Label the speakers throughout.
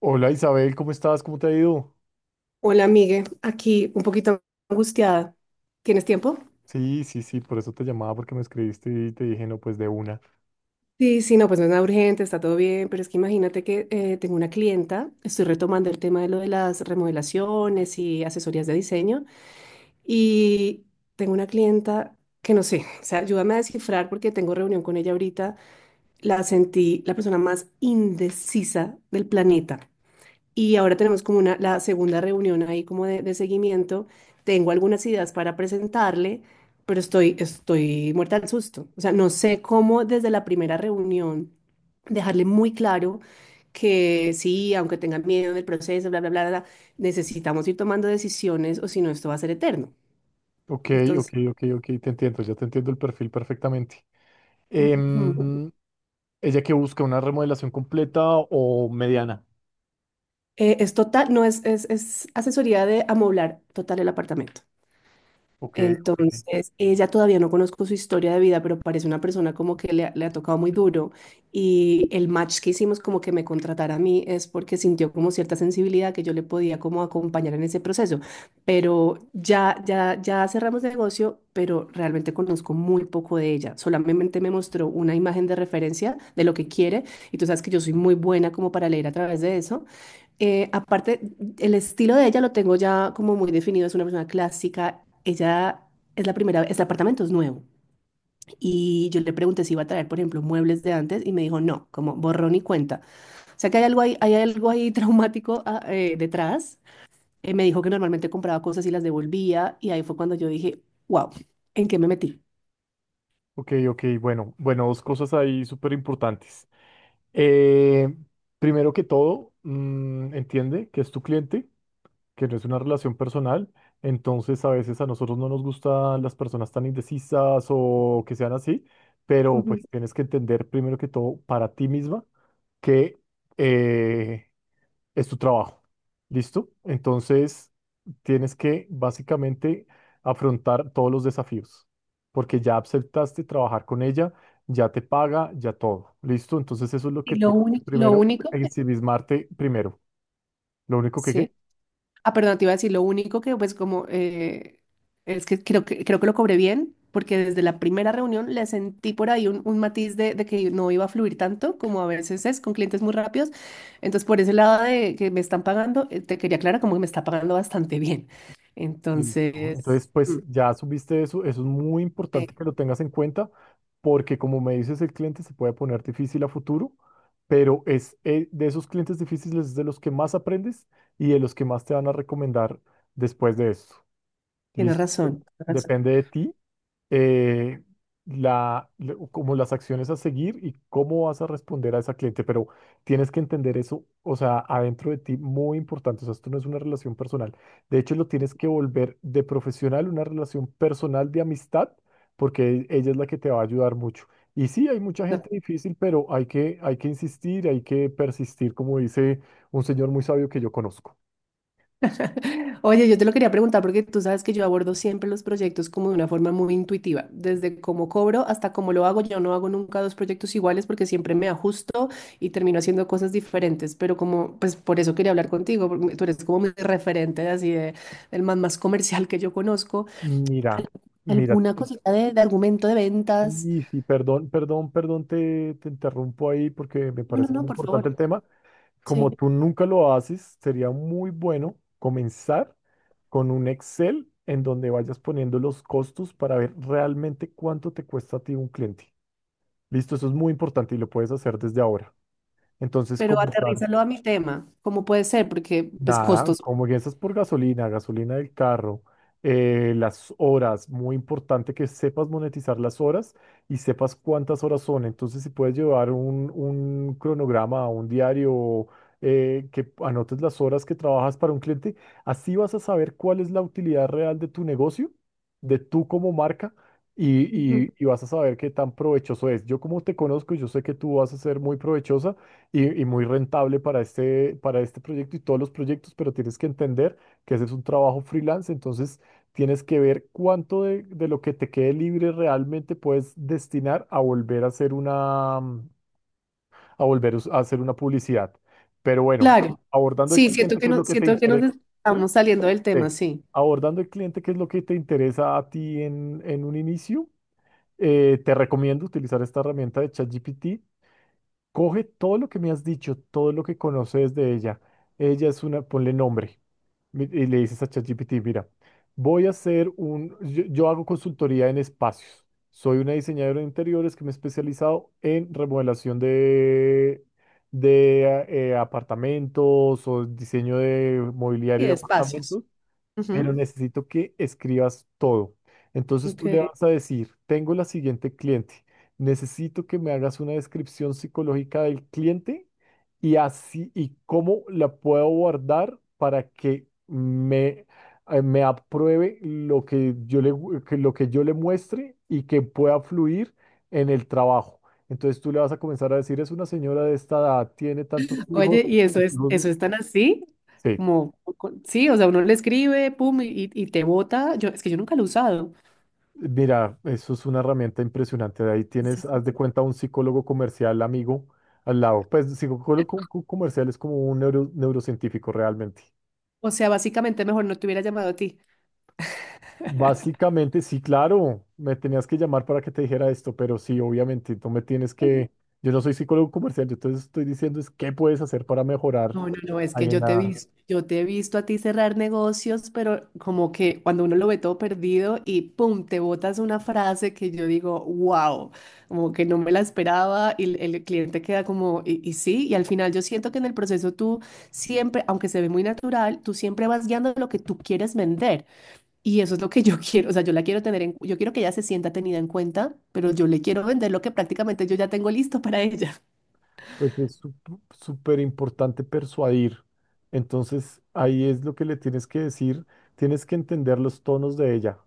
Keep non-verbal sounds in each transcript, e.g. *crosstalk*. Speaker 1: Hola Isabel, ¿cómo estás? ¿Cómo te ha ido?
Speaker 2: Hola, Migue. Aquí un poquito angustiada. ¿Tienes tiempo?
Speaker 1: Sí, sí, sí, por eso te llamaba porque me escribiste y te dije, no, pues de una.
Speaker 2: Sí, sí, no, pues no es nada urgente, está todo bien, pero es que imagínate que tengo una clienta, estoy retomando el tema de lo de las remodelaciones y asesorías de diseño, y tengo una clienta que no sé, o sea, ayúdame a descifrar porque tengo reunión con ella ahorita, la sentí la persona más indecisa del planeta. Y ahora tenemos como una, la segunda reunión ahí como de seguimiento. Tengo algunas ideas para presentarle, pero estoy muerta del susto. O sea, no sé cómo desde la primera reunión dejarle muy claro que sí, aunque tenga miedo del proceso, bla, bla, bla, bla, bla, necesitamos ir tomando decisiones o si no, esto va a ser eterno.
Speaker 1: Ok, ok,
Speaker 2: Entonces,
Speaker 1: ok, ok, te entiendo, ya te entiendo el perfil perfectamente.
Speaker 2: ujú,
Speaker 1: Em, ¿Ella que busca una remodelación completa o mediana?
Speaker 2: es total, no es, es asesoría de amoblar total el apartamento.
Speaker 1: Ok, ok,
Speaker 2: Entonces, ella todavía no conozco su historia de vida, pero parece una persona como que le ha tocado muy duro. Y el match que hicimos como que me contratara a mí es porque sintió como cierta sensibilidad que yo le podía como acompañar en ese proceso. Pero ya cerramos negocio, pero realmente conozco muy poco de ella. Solamente me mostró una imagen de referencia de lo que quiere. Y tú sabes que yo soy muy buena como para leer a través de eso. Aparte, el estilo de ella lo tengo ya como muy definido, es una persona clásica. Ella es la primera, vez, el apartamento es nuevo. Y yo le pregunté si iba a traer, por ejemplo, muebles de antes y me dijo no, como borrón y cuenta. O sea que hay algo ahí *laughs* traumático detrás. Me dijo que normalmente compraba cosas y las devolvía y ahí fue cuando yo dije, wow, ¿en qué me metí?
Speaker 1: ok, ok, bueno, bueno, dos cosas ahí súper importantes. Eh, primero que todo, entiende que es tu cliente, que no es una relación personal, entonces a veces a nosotros no nos gustan las personas tan indecisas o que sean así, pero pues
Speaker 2: Ujú.
Speaker 1: tienes que entender primero que todo para ti misma que eh, es tu trabajo, ¿listo? Entonces tienes que básicamente afrontar todos los desafíos, porque ya aceptaste trabajar con ella, ya te paga, ya todo, ¿listo? Entonces eso es lo que
Speaker 2: Y
Speaker 1: tienes que primero, ensimismarte primero. Lo único que,
Speaker 2: sí.
Speaker 1: ¿qué?
Speaker 2: Ah, perdón, te iba a decir, lo único que pues como es que creo que lo cobré bien, porque desde la primera reunión le sentí por ahí un matiz de que no iba a fluir tanto como a veces es con clientes muy rápidos. Entonces, por ese lado de que me están pagando, te quería aclarar como que me está pagando bastante bien.
Speaker 1: Listo.
Speaker 2: Entonces,
Speaker 1: Entonces, pues ya subiste eso, eso es muy
Speaker 2: eh,
Speaker 1: importante que lo tengas en cuenta, porque como me dices, el cliente se puede poner difícil a futuro, pero es de esos clientes difíciles es de los que más aprendes y de los que más te van a recomendar después de eso.
Speaker 2: tienes
Speaker 1: Listo.
Speaker 2: razón, tienes
Speaker 1: Depende de ti eh, la, como las acciones a seguir y cómo vas a responder a esa cliente, pero tienes que entender eso, o sea, adentro de ti, muy importante, o sea, esto no es una relación personal, de hecho lo tienes que volver de profesional una relación personal de amistad, porque ella es la que te va a ayudar mucho. Y sí, hay mucha
Speaker 2: razón.
Speaker 1: gente difícil, pero hay que insistir, hay que persistir, como dice un señor muy sabio que yo conozco.
Speaker 2: *laughs* Oye, yo te lo quería preguntar porque tú sabes que yo abordo siempre los proyectos como de una forma muy intuitiva, desde cómo cobro hasta cómo lo hago. Yo no hago nunca dos proyectos iguales porque siempre me ajusto y termino haciendo cosas diferentes, pero como, pues por eso quería hablar contigo, porque tú eres como mi referente así de, del man más comercial que yo conozco.
Speaker 1: Mira,
Speaker 2: Al-
Speaker 1: mira.
Speaker 2: ¿Alguna cosita de argumento de ventas?
Speaker 1: Sí, sí, perdón, perdón, perdón, te interrumpo ahí porque me
Speaker 2: No, no,
Speaker 1: parece
Speaker 2: no,
Speaker 1: muy
Speaker 2: por
Speaker 1: importante el
Speaker 2: favor.
Speaker 1: tema. Como
Speaker 2: Sí,
Speaker 1: tú nunca lo haces, sería muy bueno comenzar con un Excel en donde vayas poniendo los costos para ver realmente cuánto te cuesta a ti un cliente. Listo, eso es muy importante y lo puedes hacer desde ahora. Entonces,
Speaker 2: pero
Speaker 1: comenzar.
Speaker 2: aterrízalo a mi tema, ¿cómo puede ser? Porque, pues,
Speaker 1: Nada,
Speaker 2: costos.
Speaker 1: como que eso es por gasolina, gasolina del carro, las horas, muy importante que sepas monetizar las horas y sepas cuántas horas son. Entonces, si puedes llevar un cronograma, un diario, que anotes las horas que trabajas para un cliente, así vas a saber cuál es la utilidad real de tu negocio, de tú como marca, y, y vas a saber qué tan provechoso es. Yo como te conozco, yo sé que tú vas a ser muy provechosa y muy rentable para este proyecto y todos los proyectos, pero tienes que entender que ese es un trabajo freelance, entonces tienes que ver cuánto de lo que te quede libre realmente puedes destinar a volver a hacer una, a volver a a hacer una publicidad. Pero bueno,
Speaker 2: Claro.
Speaker 1: abordando el
Speaker 2: Sí, siento
Speaker 1: cliente,
Speaker 2: que
Speaker 1: ¿qué es
Speaker 2: no,
Speaker 1: lo que te
Speaker 2: siento que nos
Speaker 1: interesa? ¿Sí?
Speaker 2: estamos saliendo del
Speaker 1: Sí.
Speaker 2: tema, sí.
Speaker 1: Abordando el cliente, ¿qué es lo que te interesa a ti en un inicio? Te recomiendo utilizar esta herramienta de ChatGPT. Coge todo lo que me has dicho, todo lo que conoces de ella. Ella es una, ponle nombre y le dices a ChatGPT, mira, voy a hacer un, yo hago consultoría en espacios. Soy una diseñadora de interiores que me he especializado en remodelación de apartamentos o diseño de
Speaker 2: Y
Speaker 1: mobiliario
Speaker 2: de
Speaker 1: de
Speaker 2: espacios.
Speaker 1: apartamentos, pero
Speaker 2: Ujú.
Speaker 1: necesito que escribas todo. Entonces tú le
Speaker 2: Ok.
Speaker 1: vas a decir, tengo la siguiente cliente, necesito que me hagas una descripción psicológica del cliente y así y cómo la puedo guardar para que me, me apruebe lo que yo le, que lo que yo le muestre y que pueda fluir en el trabajo. Entonces tú le vas a comenzar a decir, es una señora de esta edad, tiene tantos hijos.
Speaker 2: Oye, ¿y
Speaker 1: Tantos
Speaker 2: eso
Speaker 1: hijos".
Speaker 2: es tan así?
Speaker 1: Sí.
Speaker 2: Como, sí, o sea, uno le escribe, pum, y te bota. Es que yo nunca lo he usado.
Speaker 1: Mira, eso es una herramienta impresionante. Ahí tienes,
Speaker 2: Sí.
Speaker 1: haz de cuenta, un psicólogo comercial amigo al lado. Pues psicólogo comercial es como un neurocientífico realmente.
Speaker 2: O sea, básicamente mejor no te hubiera llamado a ti.
Speaker 1: Básicamente, sí, claro, me tenías que llamar para que te dijera esto, pero sí, obviamente, tú me tienes que, yo no soy psicólogo comercial, yo te estoy diciendo es qué puedes hacer para mejorar
Speaker 2: No, no, no, es que
Speaker 1: ahí en la,
Speaker 2: yo te he visto a ti cerrar negocios, pero como que cuando uno lo ve todo perdido y pum, te botas una frase que yo digo, wow, como que no me la esperaba y el cliente queda como, y sí, y al final yo siento que en el proceso tú siempre, aunque se ve muy natural, tú siempre vas guiando lo que tú quieres vender y eso es lo que *laughs* yo quiero, o sea, yo la quiero tener en, yo quiero que ella se sienta tenida en cuenta, pero yo le quiero vender lo que prácticamente yo ya tengo listo para ella.
Speaker 1: pues es súper importante persuadir. Entonces, ahí es lo que le tienes que decir, tienes que entender los tonos de ella.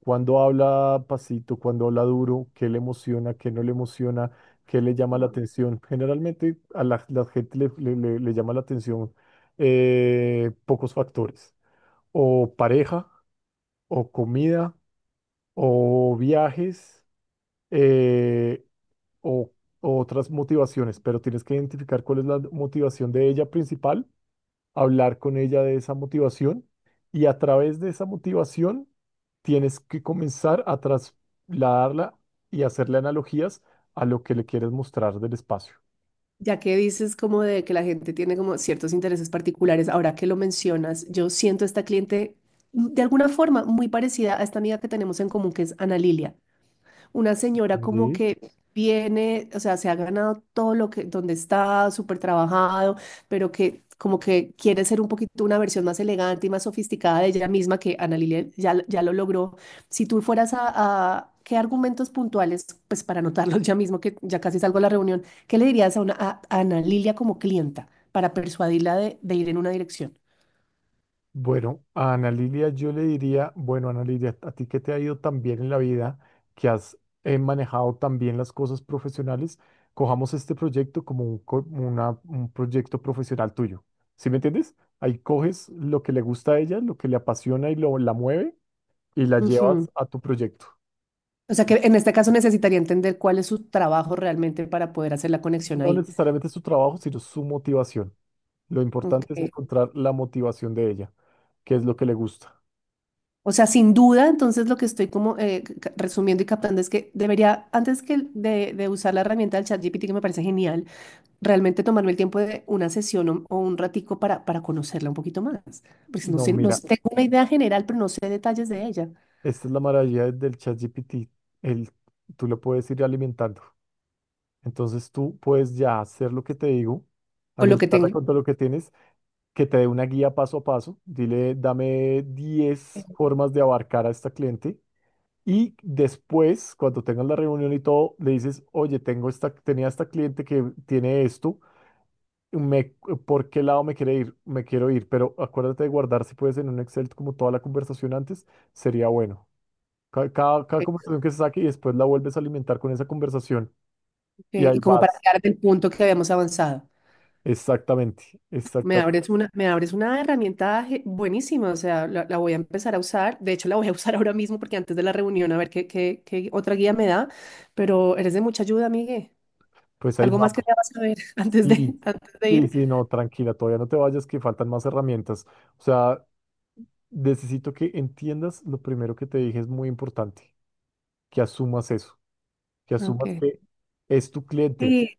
Speaker 1: Cuando habla pasito, cuando habla duro, qué le emociona, qué no le emociona, qué le llama la atención. Generalmente a la, la gente le, le llama la atención pocos factores, o pareja, o comida, o viajes, eh, o otras motivaciones, pero tienes que identificar cuál es la motivación de ella principal, hablar con ella de esa motivación y a través de esa motivación tienes que comenzar a trasladarla y hacerle analogías a lo que le quieres mostrar del espacio.
Speaker 2: Ya que dices como de que la gente tiene como ciertos intereses particulares, ahora que lo mencionas, yo siento esta cliente de alguna forma muy parecida a esta amiga que tenemos en común, que es Ana Lilia, una señora como
Speaker 1: Y,
Speaker 2: que viene, o sea, se ha ganado todo lo que, donde está, súper trabajado, pero que como que quiere ser un poquito una versión más elegante y más sofisticada de ella misma, que Ana Lilia ya lo logró. Si tú fueras ¿qué argumentos puntuales, pues para anotarlos ya mismo, que ya casi salgo a la reunión, qué le dirías a Ana Lilia como clienta para persuadirla de ir en una dirección?
Speaker 1: Bueno, a Ana Lilia yo le diría, bueno, Ana Lilia, a ti que te ha ido tan bien en la vida, que has manejado tan bien las cosas profesionales, cojamos este proyecto como un, un proyecto profesional tuyo. ¿Sí me entiendes? Ahí coges lo que le gusta a ella, lo que le apasiona y lo, la mueve y la llevas a tu proyecto.
Speaker 2: O sea que en este caso necesitaría entender cuál es su trabajo realmente para poder hacer la conexión
Speaker 1: No
Speaker 2: ahí.
Speaker 1: necesariamente su trabajo, sino su motivación. Lo importante es
Speaker 2: Ok.
Speaker 1: encontrar la motivación de ella, qué es lo que le gusta.
Speaker 2: O sea, sin duda, entonces lo que estoy como resumiendo y captando es que debería, de usar la herramienta del ChatGPT, que me parece genial, realmente tomarme el tiempo de una sesión o un ratico para conocerla un poquito más. Porque si no
Speaker 1: No,
Speaker 2: sé, no
Speaker 1: mira,
Speaker 2: sé- tengo una idea general, pero no sé detalles de ella,
Speaker 1: esta es la maravilla del ChatGPT. El, tú lo puedes ir alimentando. Entonces tú puedes ya hacer lo que te digo,
Speaker 2: o lo que
Speaker 1: alimentarla
Speaker 2: tengo,
Speaker 1: con todo lo que tienes, que te dé una guía paso a paso. Dile, dame 10
Speaker 2: eh,
Speaker 1: formas de abarcar a esta cliente. Y después, cuando tengas la reunión y todo, le dices, oye, tengo esta, tenía esta cliente que tiene esto, me, ¿por qué lado me quiere ir? Me quiero ir, pero acuérdate de guardar, si puedes, en un Excel como toda la conversación antes, sería bueno. Cada, cada conversación que se saque y después la vuelves a alimentar con esa conversación y ahí
Speaker 2: y como
Speaker 1: vas.
Speaker 2: para quedar del punto que habíamos avanzado.
Speaker 1: Exactamente, exactamente.
Speaker 2: Me abres una herramienta buenísima, o sea, la voy a empezar a usar. De hecho, la voy a *laughs* usar ahora mismo porque antes de la reunión a ver qué otra guía me da, pero eres de mucha ayuda, Migue.
Speaker 1: Pues ahí
Speaker 2: ¿Algo más que
Speaker 1: vamos.
Speaker 2: debas saber *laughs*
Speaker 1: Sí,
Speaker 2: antes de
Speaker 1: sí,
Speaker 2: ir?
Speaker 1: sí, no, tranquila, todavía no te vayas, que faltan más herramientas. O sea, necesito que entiendas lo primero que te dije, es muy importante. Que asumas eso, que asumas
Speaker 2: Okay.
Speaker 1: que es tu cliente,
Speaker 2: Sí,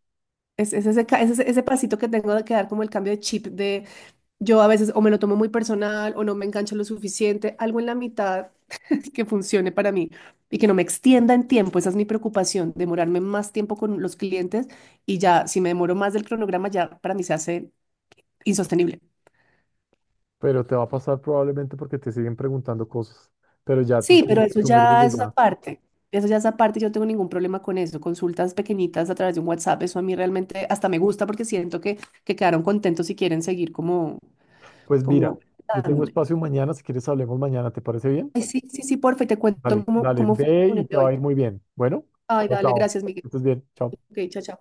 Speaker 2: es ese, ese pasito que tengo de quedar como el cambio de chip de yo a veces o me lo tomo muy personal o no me engancho lo suficiente, algo en la mitad que funcione para mí y que no me extienda en tiempo. Esa es mi preocupación, demorarme más tiempo con los clientes y ya, si me demoro más del cronograma, ya para mí se hace insostenible.
Speaker 1: pero te va a pasar probablemente porque te siguen preguntando cosas, pero ya tú
Speaker 2: Sí, pero
Speaker 1: tienes que
Speaker 2: eso
Speaker 1: asumir
Speaker 2: ya
Speaker 1: desde
Speaker 2: es
Speaker 1: ya.
Speaker 2: aparte. Eso ya es aparte, yo no tengo ningún problema con eso. Consultas pequeñitas a través de un WhatsApp, eso a mí realmente hasta me gusta porque siento que quedaron contentos y quieren seguir como,
Speaker 1: Pues mira,
Speaker 2: como
Speaker 1: yo tengo
Speaker 2: dándome.
Speaker 1: espacio mañana, si quieres hablemos mañana, ¿te parece bien?
Speaker 2: Ay, sí, sí, sí, porfa, y te cuento
Speaker 1: Dale,
Speaker 2: cómo,
Speaker 1: dale,
Speaker 2: cómo fue la
Speaker 1: ve y
Speaker 2: reunión
Speaker 1: te
Speaker 2: de
Speaker 1: va
Speaker 2: hoy.
Speaker 1: a ir muy bien. Bueno,
Speaker 2: Ay,
Speaker 1: chao,
Speaker 2: dale,
Speaker 1: chao.
Speaker 2: gracias,
Speaker 1: Que
Speaker 2: Miguel.
Speaker 1: estés bien, chao.
Speaker 2: Ok, chao, chao.